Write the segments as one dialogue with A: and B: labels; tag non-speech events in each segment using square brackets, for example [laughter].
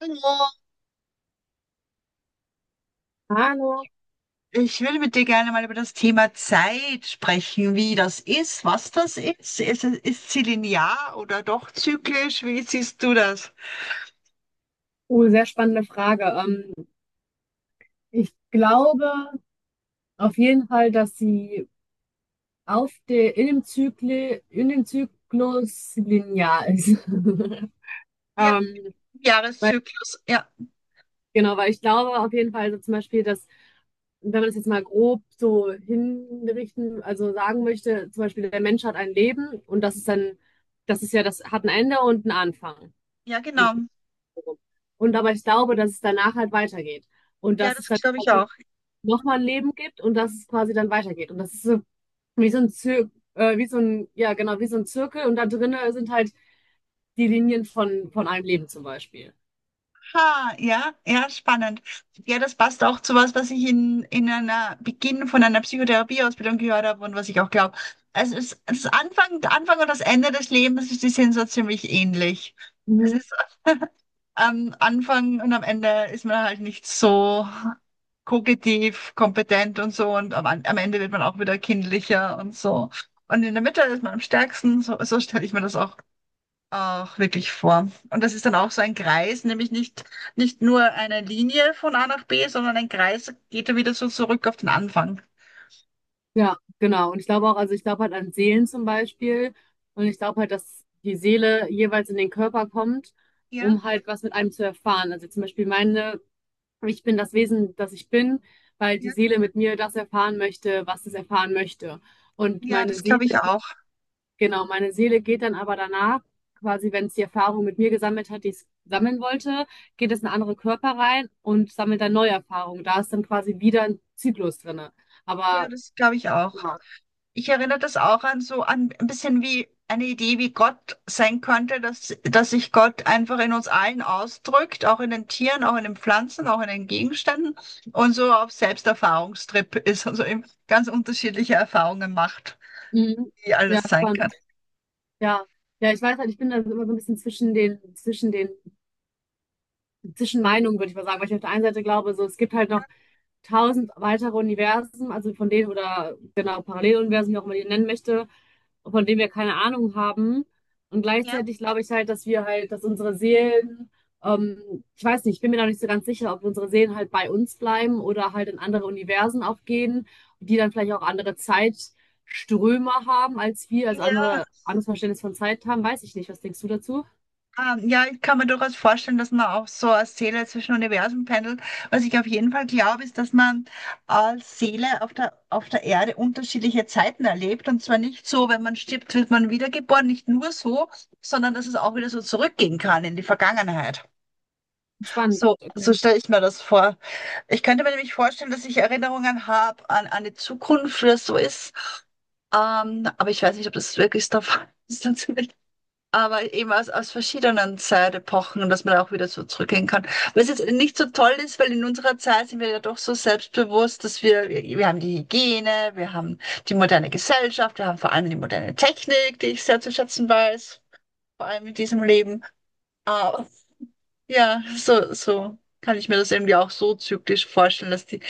A: Hallo,
B: Hallo,
A: ich würde mit dir gerne mal über das Thema Zeit sprechen, wie das ist, was das ist. Ist sie linear oder doch zyklisch? Wie siehst du das?
B: sehr spannende Frage. Ich glaube auf jeden Fall, dass sie auf der, in dem Zykli, in dem Zyklus linear ist. [laughs]
A: Ja,
B: Ähm, weil,
A: Jahreszyklus, ja,
B: genau, weil ich glaube auf jeden Fall, also zum Beispiel, dass, wenn man es jetzt mal grob so hinrichten, also sagen möchte, zum Beispiel, der Mensch hat ein Leben und das ist dann, das ist ja, das hat ein Ende und einen Anfang.
A: ja, genau.
B: Und aber ich glaube, dass es danach halt weitergeht. Und
A: Ja,
B: das
A: das
B: ist dann
A: glaube ich auch.
B: nochmal ein Leben gibt und dass es quasi dann weitergeht. Und das ist so ja, genau, wie so ein Zirkel und da drinnen sind halt die Linien von einem Leben zum Beispiel.
A: Ha, ja, ja, spannend. Ja, das passt auch zu was, was ich in einer Beginn von einer Psychotherapieausbildung gehört habe und was ich auch glaube. Also der Anfang und das Ende des Lebens, die sind so ziemlich ähnlich. Es
B: Mhm.
A: ist am Anfang und am Ende ist man halt nicht so kognitiv kompetent und so und am Ende wird man auch wieder kindlicher und so. Und in der Mitte ist man am stärksten, so, so stelle ich mir das auch, auch wirklich vor. Und das ist dann auch so ein Kreis, nämlich nicht nur eine Linie von A nach B, sondern ein Kreis geht ja wieder so zurück auf den Anfang.
B: Ja, genau. Und ich glaube auch, also ich glaube halt an Seelen zum Beispiel und ich glaube halt, dass die Seele jeweils in den Körper kommt,
A: Ja,
B: um halt was mit einem zu erfahren. Also zum Beispiel meine, ich bin das Wesen, das ich bin, weil die
A: ja,
B: Seele mit mir das erfahren möchte, was es erfahren möchte. Und
A: ja,
B: meine
A: das
B: Seele.
A: glaube ich auch.
B: Genau, meine Seele geht dann aber danach, quasi wenn es die Erfahrung mit mir gesammelt hat, die es sammeln wollte, geht es in andere Körper rein und sammelt dann neue Erfahrungen. Da ist dann quasi wieder ein Zyklus drinne.
A: Ja,
B: Aber
A: das glaube ich auch.
B: ja,
A: Ich erinnere das auch an so an ein bisschen wie eine Idee, wie Gott sein könnte, dass sich Gott einfach in uns allen ausdrückt, auch in den Tieren, auch in den Pflanzen, auch in den Gegenständen und so auf Selbsterfahrungstrip ist, also eben ganz unterschiedliche Erfahrungen macht,
B: mhm.
A: wie
B: Ja,
A: alles sein kann.
B: spannend. Ja. Ja, ich weiß halt, ich bin da immer so ein bisschen zwischen Meinungen, würde ich mal sagen, weil ich auf der einen Seite glaube, so, es gibt halt noch tausend weitere Universen, also von denen, oder genau, Paralleluniversen, wie auch immer man die nennen möchte, von denen wir keine Ahnung haben. Und
A: Ja.
B: gleichzeitig glaube ich halt, dass wir halt, dass unsere Seelen, ich weiß nicht, ich bin mir noch nicht so ganz sicher, ob unsere Seelen halt bei uns bleiben oder halt in andere Universen auch gehen, die dann vielleicht auch andere Zeitströme haben als wir, also
A: Ja.
B: anderes Verständnis von Zeit haben, weiß ich nicht. Was denkst du dazu?
A: Ah, ja, ich kann mir durchaus vorstellen, dass man auch so als Seele zwischen Universen pendelt. Was ich auf jeden Fall glaube, ist, dass man als Seele auf der Erde unterschiedliche Zeiten erlebt. Und zwar nicht so, wenn man stirbt, wird man wiedergeboren, nicht nur so, sondern dass es auch wieder so zurückgehen kann in die Vergangenheit.
B: Spannend.
A: So,
B: Okay.
A: so stelle ich mir das vor. Ich könnte mir nämlich vorstellen, dass ich Erinnerungen habe an eine Zukunft, wie das so ist. Aber ich weiß nicht, ob das wirklich der Fall ist. [laughs] Aber eben aus verschiedenen Zeitepochen, dass man auch wieder so zurückgehen kann. Was jetzt nicht so toll ist, weil in unserer Zeit sind wir ja doch so selbstbewusst, dass wir haben die Hygiene, wir haben die moderne Gesellschaft, wir haben vor allem die moderne Technik, die ich sehr zu schätzen weiß, vor allem in diesem Leben. Ah, ja, so kann ich mir das irgendwie auch so zyklisch vorstellen, dass die,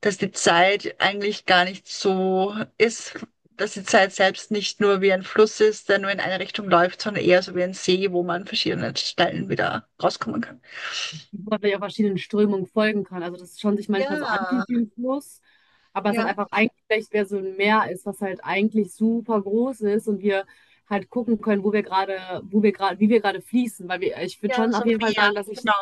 A: dass die Zeit eigentlich gar nicht so ist, dass die Zeit selbst nicht nur wie ein Fluss ist, der nur in eine Richtung läuft, sondern eher so wie ein See, wo man an verschiedenen Stellen wieder rauskommen kann.
B: Weil man ja verschiedenen Strömungen folgen kann. Also dass es schon sich manchmal so
A: Ja,
B: anfühlt wie ein Fluss, aber es hat
A: ja,
B: einfach eigentlich vielleicht mehr so ein Meer ist, was halt eigentlich super groß ist und wir halt gucken können, wie wir gerade fließen. Ich würde
A: ja,
B: schon
A: so
B: auf jeden Fall
A: mehr,
B: sagen,
A: genau.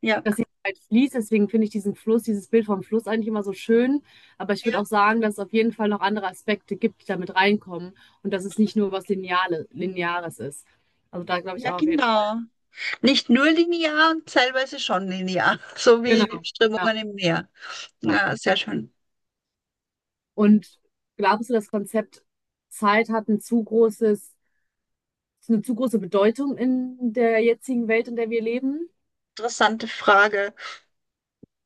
A: Ja,
B: dass die Zeit fließt. Deswegen finde ich diesen Fluss, dieses Bild vom Fluss eigentlich immer so schön. Aber ich würde
A: ja,
B: auch sagen, dass es auf jeden Fall noch andere Aspekte gibt, die damit reinkommen und dass es nicht nur was Lineares ist. Also da glaube ich
A: ja,
B: auch auf jeden Fall.
A: genau. Nicht nur linear und teilweise schon linear, [laughs] so wie
B: Genau. Ja.
A: Strömungen im Meer.
B: Ja.
A: Ja, sehr schön.
B: Und glaubst du, das Konzept Zeit hat ein zu großes, eine zu große Bedeutung in der jetzigen Welt, in der wir leben?
A: Interessante Frage.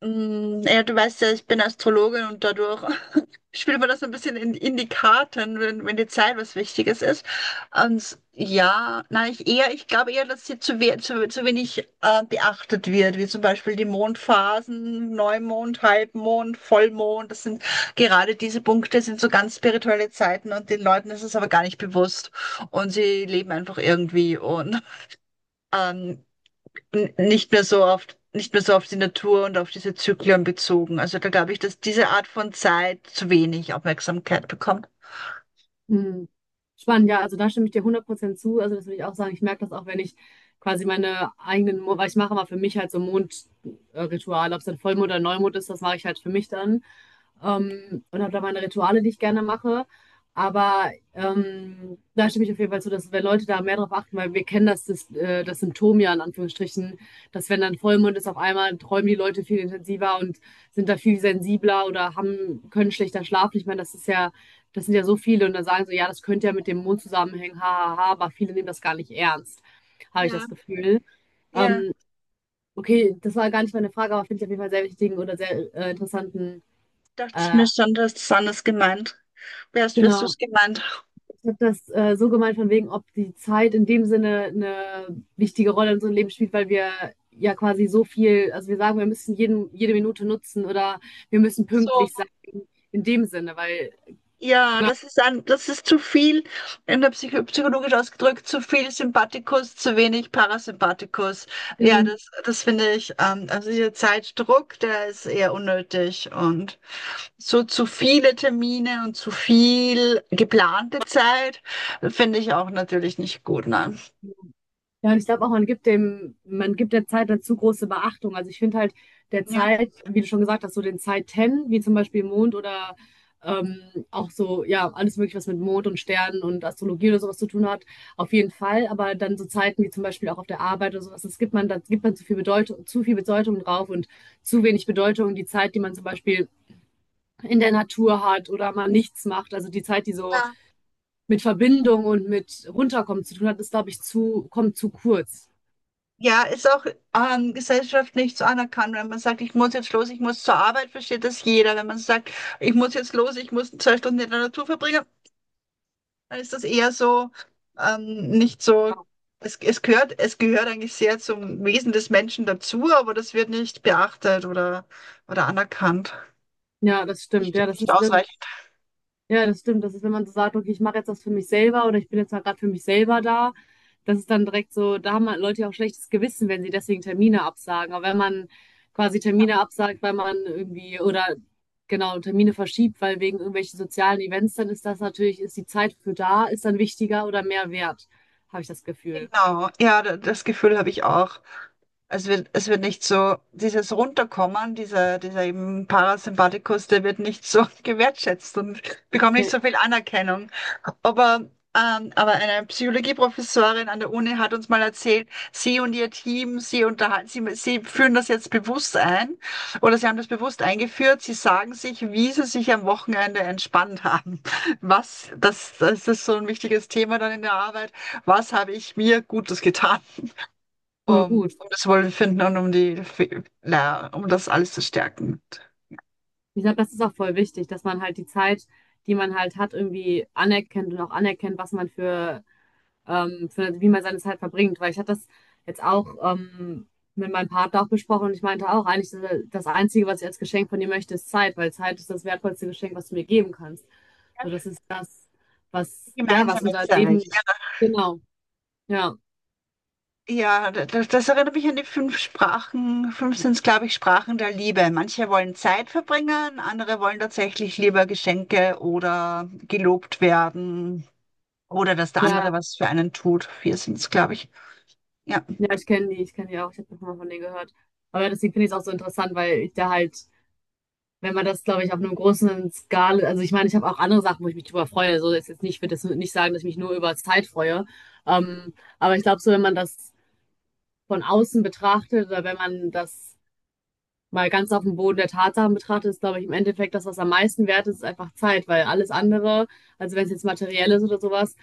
A: Mm, ja, du weißt ja, ich bin Astrologin und dadurch [laughs] spielt man das so ein bisschen in die Karten, wenn, wenn die Zeit was Wichtiges ist. Und ja, nein, ich glaube eher, dass sie zu wenig beachtet wird, wie zum Beispiel die Mondphasen, Neumond, Halbmond, Vollmond. Das sind gerade diese Punkte, sind so ganz spirituelle Zeiten und den Leuten ist es aber gar nicht bewusst und sie leben einfach irgendwie und ähm, nicht mehr so oft, nicht mehr so auf die Natur und auf diese Zyklen bezogen. Also da glaube ich, dass diese Art von Zeit zu wenig Aufmerksamkeit bekommt.
B: Hm. Spannend, ja, also da stimme ich dir 100% zu. Also das würde ich auch sagen. Ich merke das auch, wenn ich quasi weil ich mache mal für mich halt so Mondrituale, ob es dann Vollmond oder Neumond ist, das mache ich halt für mich dann. Und habe da meine Rituale, die ich gerne mache. Aber da stimme ich auf jeden Fall zu, dass wenn Leute da mehr drauf achten, weil wir kennen das Symptom ja in Anführungsstrichen, dass wenn dann Vollmond ist, auf einmal träumen die Leute viel intensiver und sind da viel sensibler oder haben, können schlechter schlafen. Ich meine, das ist ja, das sind ja so viele und dann sagen so, ja, das könnte ja mit dem Mond zusammenhängen, ha, ha, ha, aber viele nehmen das gar nicht ernst, habe ich
A: Ja,
B: das Gefühl.
A: ja,
B: Ähm, okay, das war gar nicht meine Frage, aber finde ich auf jeden Fall sehr wichtigen oder sehr interessanten,
A: dachte ich
B: äh,
A: mir schon, du hast es anders gemeint. Wirst du
B: genau.
A: es gemeint?
B: Ich habe das so gemeint, von wegen, ob die Zeit in dem Sinne eine wichtige Rolle in unserem Leben spielt, weil wir ja quasi so viel, also wir sagen, wir müssen jede Minute nutzen oder wir müssen
A: So.
B: pünktlich sein in dem Sinne, weil.
A: Ja, das ist das ist zu viel, in der psychologisch ausgedrückt, zu viel Sympathikus, zu wenig Parasympathikus. Ja, das finde ich, also dieser Zeitdruck, der ist eher unnötig und so zu viele Termine und zu viel geplante Zeit finde ich auch natürlich nicht gut, ne?
B: Ja, und ich glaube auch, man gibt der Zeit dazu große Beachtung. Also ich finde halt der
A: Ja,
B: Zeit, wie du schon gesagt hast, so den Zeiten, wie zum Beispiel Mond oder ähm, auch so, ja, alles Mögliche, was mit Mond und Sternen und Astrologie oder sowas zu tun hat, auf jeden Fall. Aber dann so Zeiten wie zum Beispiel auch auf der Arbeit oder sowas, das gibt man, da gibt man zu viel Bedeutung drauf und zu wenig Bedeutung die Zeit, die man zum Beispiel in der Natur hat oder mal nichts macht. Also die Zeit, die so
A: ja.
B: mit Verbindung und mit Runterkommen zu tun hat, ist, glaube ich, kommt zu kurz.
A: Ja, ist auch gesellschaftlich so anerkannt, wenn man sagt, ich muss jetzt los, ich muss zur Arbeit, versteht das jeder. Wenn man sagt, ich muss jetzt los, ich muss 2 Stunden in der Natur verbringen. Dann ist das eher so, nicht so, es gehört eigentlich sehr zum Wesen des Menschen dazu, aber das wird nicht beachtet oder anerkannt.
B: Ja, das stimmt.
A: Nicht,
B: Ja,
A: nicht ausreichend.
B: ja, das stimmt. Das ist, wenn man so sagt, okay, ich mache jetzt das für mich selber oder ich bin jetzt mal gerade für mich selber da, das ist dann direkt so, da haben halt Leute ja auch schlechtes Gewissen, wenn sie deswegen Termine absagen. Aber wenn man quasi Termine absagt, weil man irgendwie oder genau Termine verschiebt, weil wegen irgendwelchen sozialen Events, dann ist das natürlich, ist die Zeit für da, ist dann wichtiger oder mehr wert, habe ich das Gefühl.
A: Genau, ja, das Gefühl habe ich auch. Es wird nicht so, dieses Runterkommen, dieser eben Parasympathikus, der wird nicht so [laughs] gewertschätzt und bekommt
B: Ja,
A: nicht so viel Anerkennung. Aber, aber eine Psychologieprofessorin an der Uni hat uns mal erzählt, sie und ihr Team, sie führen das jetzt bewusst ein oder sie haben das bewusst eingeführt. Sie sagen sich, wie sie sich am Wochenende entspannt haben. Das ist so ein wichtiges Thema dann in der Arbeit. Was habe ich mir Gutes getan,
B: voll
A: um,
B: gut.
A: um das Wohlbefinden und um das alles zu stärken?
B: Ich glaube, das ist auch voll wichtig, dass man halt die Zeit, die man halt hat, irgendwie anerkennt und auch anerkennt, was man für wie man seine Zeit verbringt. Weil ich hatte das jetzt auch mit meinem Partner auch besprochen und ich meinte auch, eigentlich ist das Einzige, was ich als Geschenk von dir möchte, ist Zeit, weil Zeit ist das wertvollste Geschenk, was du mir geben kannst. So, das ist das, was, ja, was
A: Gemeinsame
B: unser
A: Zeit.
B: Leben. Genau, ja,
A: Ja, das erinnert mich an die fünf Sprachen. Fünf sind es, glaube ich, Sprachen der Liebe. Manche wollen Zeit verbringen, andere wollen tatsächlich lieber Geschenke oder gelobt werden oder dass der
B: ja,
A: andere was für einen tut. Vier sind es, glaube ich. Ja.
B: ja, ich kenne die auch, ich habe schon mal von denen gehört. Aber deswegen finde ich es auch so interessant, weil ich da halt wenn man das, glaube ich, auf einem großen Skala, also ich meine, ich habe auch andere Sachen, wo ich mich drüber freue. So ist jetzt nicht, ich würde jetzt nicht sagen, dass ich mich nur über Zeit freue. Ähm, aber ich glaube, so wenn man das von außen betrachtet oder wenn man das mal ganz auf dem Boden der Tatsachen betrachtet, ist, glaube ich, im Endeffekt das, was am meisten wert ist, ist einfach Zeit, weil alles andere, also wenn es jetzt materiell ist oder sowas,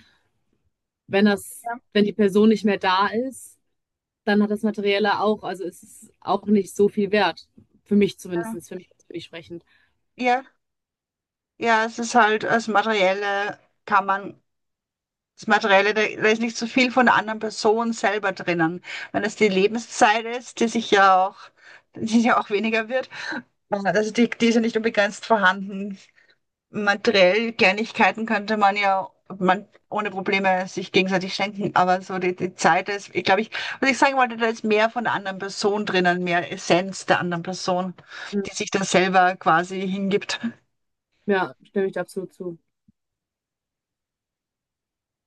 B: wenn das,
A: Ja,
B: wenn die Person nicht mehr da ist, dann hat das Materielle auch, also es ist auch nicht so viel wert. Für mich zumindest, für mich sprechend.
A: ja, ja, es ist halt das Materielle, kann man, das Materielle, da ist nicht so viel von der anderen Person selber drinnen. Wenn es die Lebenszeit ist, die ja auch weniger wird, also die ist ja nicht unbegrenzt vorhanden. Materiell Kleinigkeiten könnte man ja man ohne Probleme sich gegenseitig schenken, aber so die Zeit ist, ich glaube, was ich sagen wollte, da ist mehr von der anderen Person drinnen, mehr Essenz der anderen Person, die sich dann selber quasi hingibt.
B: Ja, stimme ich da absolut zu.